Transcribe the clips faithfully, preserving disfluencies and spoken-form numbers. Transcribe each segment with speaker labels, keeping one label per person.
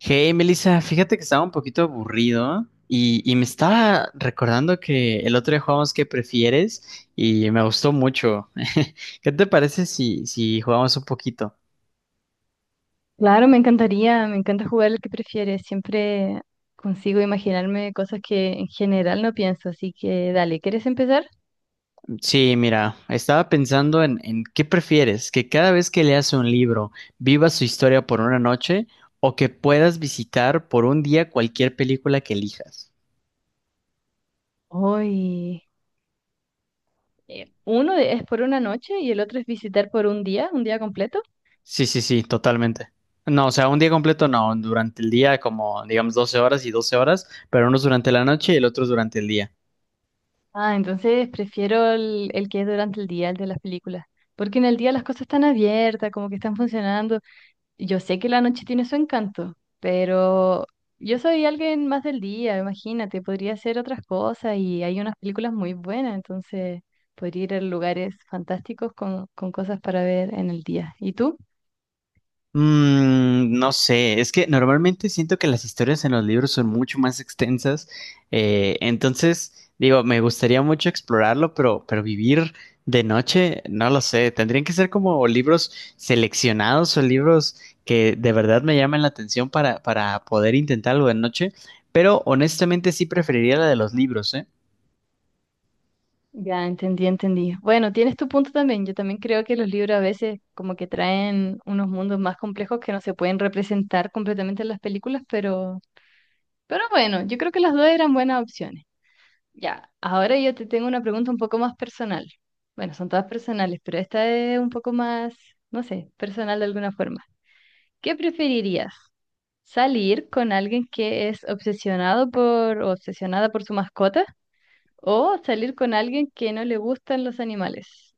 Speaker 1: Hey, Melissa, fíjate que estaba un poquito aburrido y, y me estaba recordando que el otro día jugamos ¿qué prefieres? Y me gustó mucho. ¿Qué te parece si, si jugamos un poquito?
Speaker 2: Claro, me encantaría, me encanta jugar el que prefieres. Siempre consigo imaginarme cosas que en general no pienso, así que dale, ¿quieres empezar?
Speaker 1: Sí, mira, estaba pensando en, en ¿qué prefieres? ¿Que cada vez que leas un libro viva su historia por una noche o que puedas visitar por un día cualquier película que elijas?
Speaker 2: Hoy, eh, uno de- es por una noche y el otro es visitar por un día, un día completo.
Speaker 1: Sí, sí, sí, totalmente. No, o sea, un día completo no, durante el día, como digamos, doce horas y doce horas, pero unos durante la noche y el otro durante el día.
Speaker 2: Ah, entonces prefiero el, el que es durante el día, el de las películas, porque en el día las cosas están abiertas, como que están funcionando. Yo sé que la noche tiene su encanto, pero yo soy alguien más del día, imagínate, podría hacer otras cosas y hay unas películas muy buenas, entonces podría ir a lugares fantásticos con, con cosas para ver en el día. ¿Y tú?
Speaker 1: Mm, no sé, es que normalmente siento que las historias en los libros son mucho más extensas. Eh, entonces digo, me gustaría mucho explorarlo, pero, pero vivir de noche, no lo sé, tendrían que ser como libros seleccionados o libros que de verdad me llamen la atención para, para poder intentar algo de noche, pero honestamente sí preferiría la de los libros, ¿eh?
Speaker 2: Ya, entendí, entendí. Bueno, tienes tu punto también. Yo también creo que los libros a veces como que traen unos mundos más complejos que no se pueden representar completamente en las películas, pero, pero bueno, yo creo que las dos eran buenas opciones. Ya, ahora yo te tengo una pregunta un poco más personal. Bueno, son todas personales, pero esta es un poco más, no sé, personal de alguna forma. ¿Qué preferirías? ¿Salir con alguien que es obsesionado por o obsesionada por su mascota? ¿O salir con alguien que no le gustan los animales?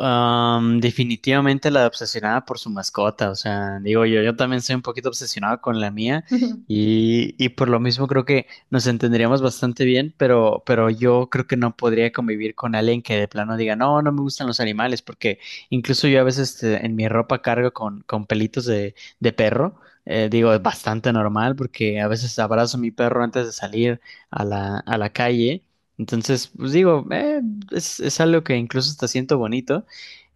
Speaker 1: Am, definitivamente la obsesionada por su mascota. O sea, digo, yo, yo también soy un poquito obsesionado con la mía, y, y por lo mismo creo que nos entenderíamos bastante bien, pero, pero yo creo que no podría convivir con alguien que de plano diga, no, no me gustan los animales, porque incluso yo a veces este, en mi ropa cargo con, con pelitos de, de perro. Eh, digo, es bastante normal, porque a veces abrazo a mi perro antes de salir a la, a la calle. Entonces, pues digo, eh, es, es algo que incluso hasta siento bonito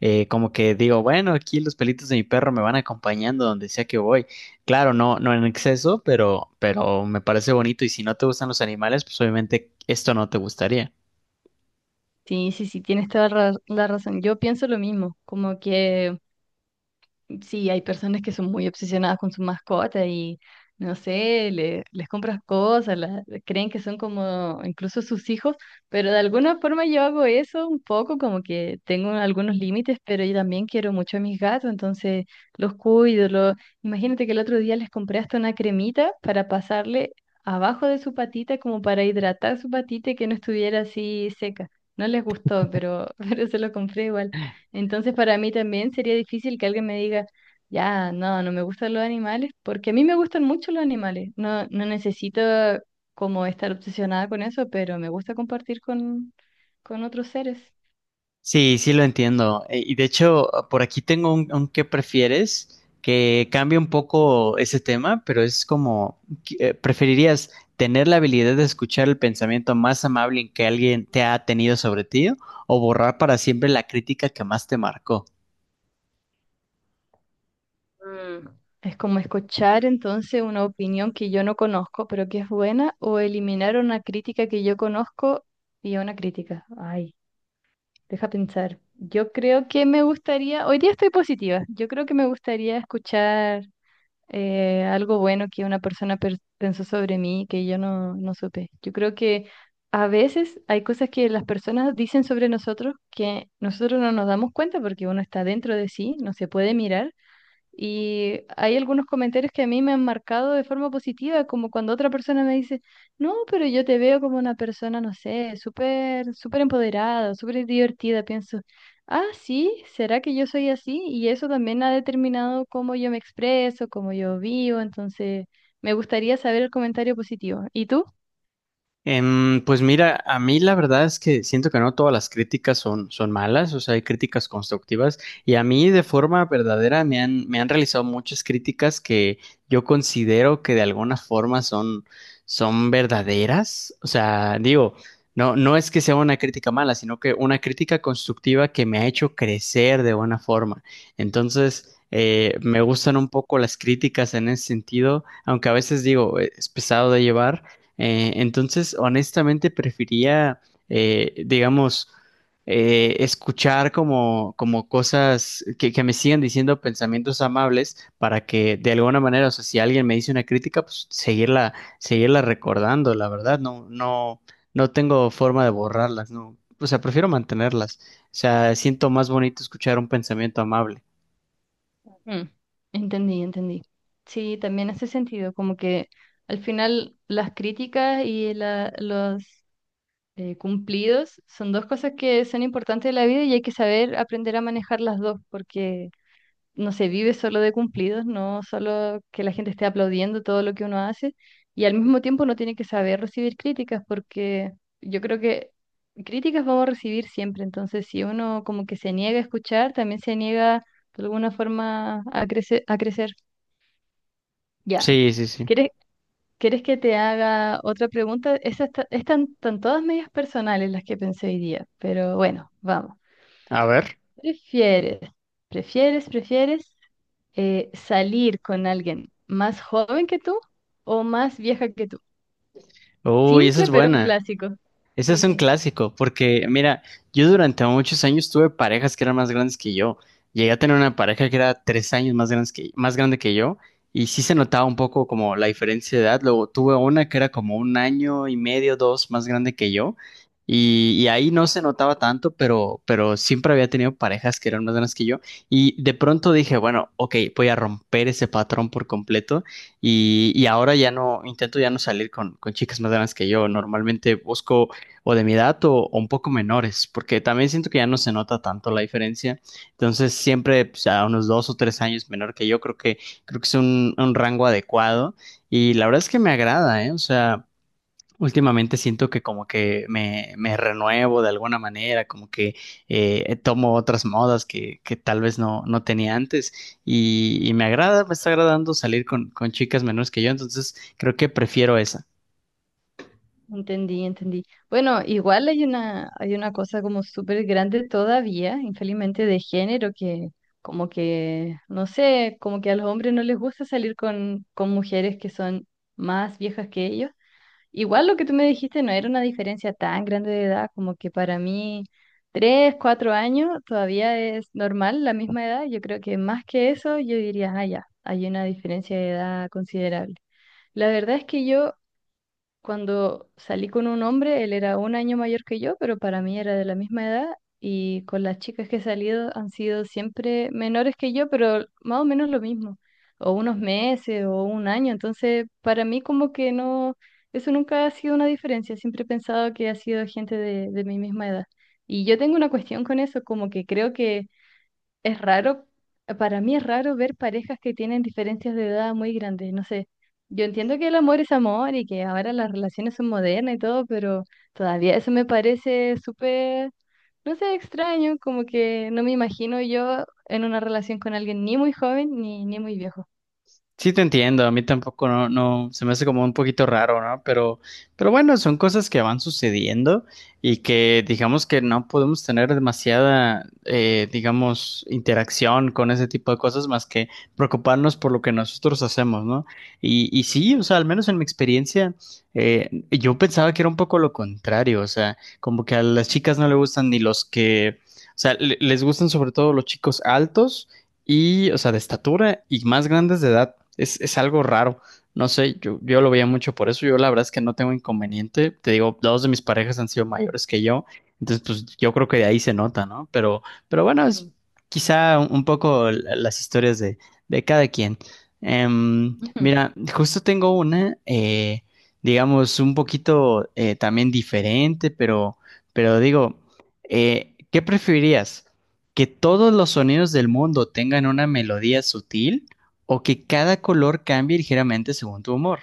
Speaker 1: eh, como que digo, bueno, aquí los pelitos de mi perro me van acompañando donde sea que voy. Claro, no, no en exceso, pero, pero me parece bonito. Y si no te gustan los animales, pues obviamente esto no te gustaría.
Speaker 2: Sí, sí, sí, tienes toda ra- la razón. Yo pienso lo mismo, como que sí, hay personas que son muy obsesionadas con su mascota y, no sé, le- les compras cosas, la- creen que son como incluso sus hijos, pero de alguna forma yo hago eso un poco, como que tengo algunos límites, pero yo también quiero mucho a mis gatos, entonces los cuido. Los... imagínate que el otro día les compré hasta una cremita para pasarle abajo de su patita, como para hidratar su patita y que no estuviera así seca. No les gustó, pero, pero se lo compré igual. Entonces, para mí también sería difícil que alguien me diga, ya, no, no me gustan los animales, porque a mí me gustan mucho los animales. No, no necesito como estar obsesionada con eso, pero me gusta compartir con, con otros seres.
Speaker 1: Sí, sí, lo entiendo. Eh, Y de hecho, por aquí tengo un, un qué prefieres que cambia un poco ese tema, pero es como, ¿qué- eh, ¿preferirías tener la habilidad de escuchar el pensamiento más amable que alguien te ha tenido sobre ti o borrar para siempre la crítica que más te marcó?
Speaker 2: Mm, es como escuchar entonces una opinión que yo no conozco, pero que es buena, o eliminar una crítica que yo conozco y una crítica. Ay, deja pensar. Yo creo que me gustaría, hoy día estoy positiva, yo creo que me gustaría escuchar eh, algo bueno que una persona per- pensó sobre mí que yo no, no supe. Yo creo que a veces hay cosas que las personas dicen sobre nosotros que nosotros no nos damos cuenta porque uno está dentro de sí, no se puede mirar, y hay algunos comentarios que a mí me han marcado de forma positiva, como cuando otra persona me dice, no, pero yo te veo como una persona, no sé, súper, súper empoderada, súper divertida. Pienso, ah, sí, ¿será que yo soy así? Y eso también ha determinado cómo yo me expreso, cómo yo vivo. Entonces, me gustaría saber el comentario positivo. ¿Y tú?
Speaker 1: Em, pues mira, a mí la verdad es que siento que no todas las críticas son, son malas. O sea, hay críticas constructivas, y a mí de forma verdadera me han, me han realizado muchas críticas que yo considero que de alguna forma son, son verdaderas. O sea, digo, no, no es que sea una crítica mala, sino que una crítica constructiva que me ha hecho crecer de buena forma. Entonces, eh, me gustan un poco las críticas en ese sentido, aunque a veces digo, eh, es pesado de llevar. Eh, entonces, honestamente, prefería, eh, digamos, eh, escuchar como, como cosas que, que me sigan diciendo pensamientos amables, para que de alguna manera, o sea, si alguien me dice una crítica, pues seguirla, seguirla recordando, la verdad, no, no, no tengo forma de borrarlas. No, o sea, prefiero mantenerlas. O sea, siento más bonito escuchar un pensamiento amable.
Speaker 2: Mm, entendí, entendí. Sí, también hace sentido, como que al final las críticas y la, los eh, cumplidos son dos cosas que son importantes de la vida y hay que saber aprender a manejar las dos, porque no se vive solo de cumplidos, no solo que la gente esté aplaudiendo todo lo que uno hace, y al mismo tiempo uno tiene que saber recibir críticas, porque yo creo que críticas vamos a recibir siempre, entonces si uno como que se niega a escuchar, también se niega de alguna forma a crecer, a crecer. Ya.
Speaker 1: Sí, sí, sí.
Speaker 2: ¿Quieres, ¿Quieres que te haga otra pregunta? Esas ta- están, están todas medias personales las que pensé hoy día, pero bueno, vamos.
Speaker 1: A ver.
Speaker 2: ¿Prefieres, prefieres, ¿Prefieres eh, salir con alguien más joven que tú o más vieja que tú?
Speaker 1: Uy, esa
Speaker 2: Simple,
Speaker 1: es
Speaker 2: pero un
Speaker 1: buena.
Speaker 2: clásico.
Speaker 1: Ese
Speaker 2: Sí,
Speaker 1: es un
Speaker 2: sí.
Speaker 1: clásico, porque mira, yo durante muchos años tuve parejas que eran más grandes que yo. Llegué a tener una pareja que era tres años más grandes que, más grande que yo, y sí se notaba un poco como la diferencia de edad. Luego tuve una que era como un año y medio, dos, más grande que yo, y, y ahí no se notaba tanto, pero, pero siempre había tenido parejas que eran más grandes que yo. Y de pronto dije, bueno, ok, voy a romper ese patrón por completo. Y, y ahora ya no, intento ya no salir con, con chicas más grandes que yo. Normalmente busco o de mi edad o, o un poco menores, porque también siento que ya no se nota tanto la diferencia. Entonces, siempre, pues, a unos dos o tres años menor que yo, creo que, creo que es un, un rango adecuado. Y la verdad es que me agrada, ¿eh? O sea, últimamente siento que, como que me, me renuevo de alguna manera, como que eh, tomo otras modas que, que tal vez no, no tenía antes. Y, y me agrada, me está agradando salir con, con chicas menores que yo, entonces creo que prefiero esa.
Speaker 2: Entendí, entendí. Bueno, igual hay una, hay una cosa como súper grande todavía, infelizmente, de género que como que, no sé, como que a los hombres no les gusta salir con, con mujeres que son más viejas que ellos. Igual lo que tú me dijiste no era una diferencia tan grande de edad, como que para mí tres, cuatro años todavía es normal la misma edad. Yo creo que más que eso, yo diría, ah, ya, hay una diferencia de edad considerable. La verdad es que yo cuando salí con un hombre, él era un año mayor que yo, pero para mí era de la misma edad. Y con las chicas que he salido han sido siempre menores que yo, pero más o menos lo mismo. O unos meses o un año. Entonces, para mí como que no, eso nunca ha sido una diferencia. Siempre he pensado que ha sido gente de, de mi misma edad. Y yo tengo una cuestión con eso, como que creo que es raro, para mí es raro ver parejas que tienen diferencias de edad muy grandes. No sé, yo entiendo que el amor es amor y que ahora las relaciones son modernas y todo, pero todavía eso me parece súper, no sé, extraño, como que no me imagino yo en una relación con alguien ni muy joven ni, ni muy viejo.
Speaker 1: Sí, te entiendo, a mí tampoco no, no, se me hace como un poquito raro, ¿no? Pero, pero bueno, son cosas que van sucediendo y que digamos que no podemos tener demasiada, eh, digamos, interacción con ese tipo de cosas, más que preocuparnos por lo que nosotros hacemos, ¿no? Y, y sí, o sea, al menos en mi experiencia, eh, yo pensaba que era un poco lo contrario. O sea, como que a las chicas no le gustan ni los que, o sea, le- les gustan sobre todo los chicos altos y, o sea, de estatura y más grandes de edad. Es, es algo raro. No sé, yo, yo, lo veía mucho por eso. Yo la verdad es que no tengo inconveniente. Te digo, dos de mis parejas han sido mayores que yo. Entonces, pues yo creo que de ahí se nota, ¿no? Pero, pero bueno, es
Speaker 2: Ujú.
Speaker 1: quizá un, un poco la- las historias de, de cada quien. Em,
Speaker 2: Ujú.
Speaker 1: mira, justo tengo una, eh, digamos, un poquito eh, también diferente, pero, pero digo, eh, ¿qué preferirías? ¿Que todos los sonidos del mundo tengan una melodía sutil o que cada color cambie ligeramente según tu humor?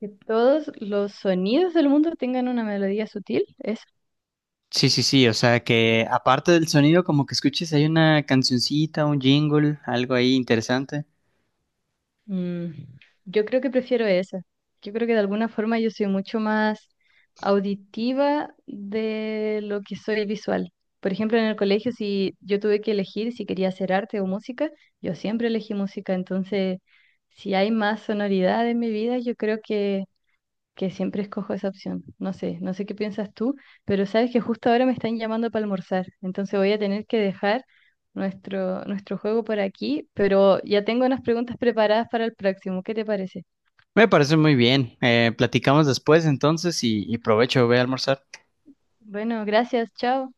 Speaker 2: Que todos los sonidos del mundo tengan una melodía sutil, es...
Speaker 1: Sí, sí, sí, o sea, que aparte del sonido, como que escuches, hay una cancioncita, un jingle, algo ahí interesante.
Speaker 2: mm, yo creo que prefiero esa. Yo creo que de alguna forma yo soy mucho más auditiva de lo que soy visual. Por ejemplo, en el colegio, si yo tuve que elegir si quería hacer arte o música, yo siempre elegí música. Entonces, si hay más sonoridad en mi vida, yo creo que que siempre escojo esa opción. No sé, no sé qué piensas tú, pero sabes que justo ahora me están llamando para almorzar, entonces voy a tener que dejar nuestro, nuestro juego por aquí, pero ya tengo unas preguntas preparadas para el próximo. ¿Qué te parece?
Speaker 1: Me parece muy bien. Eh, platicamos después entonces, y, y provecho, voy a almorzar.
Speaker 2: Bueno, gracias, chao.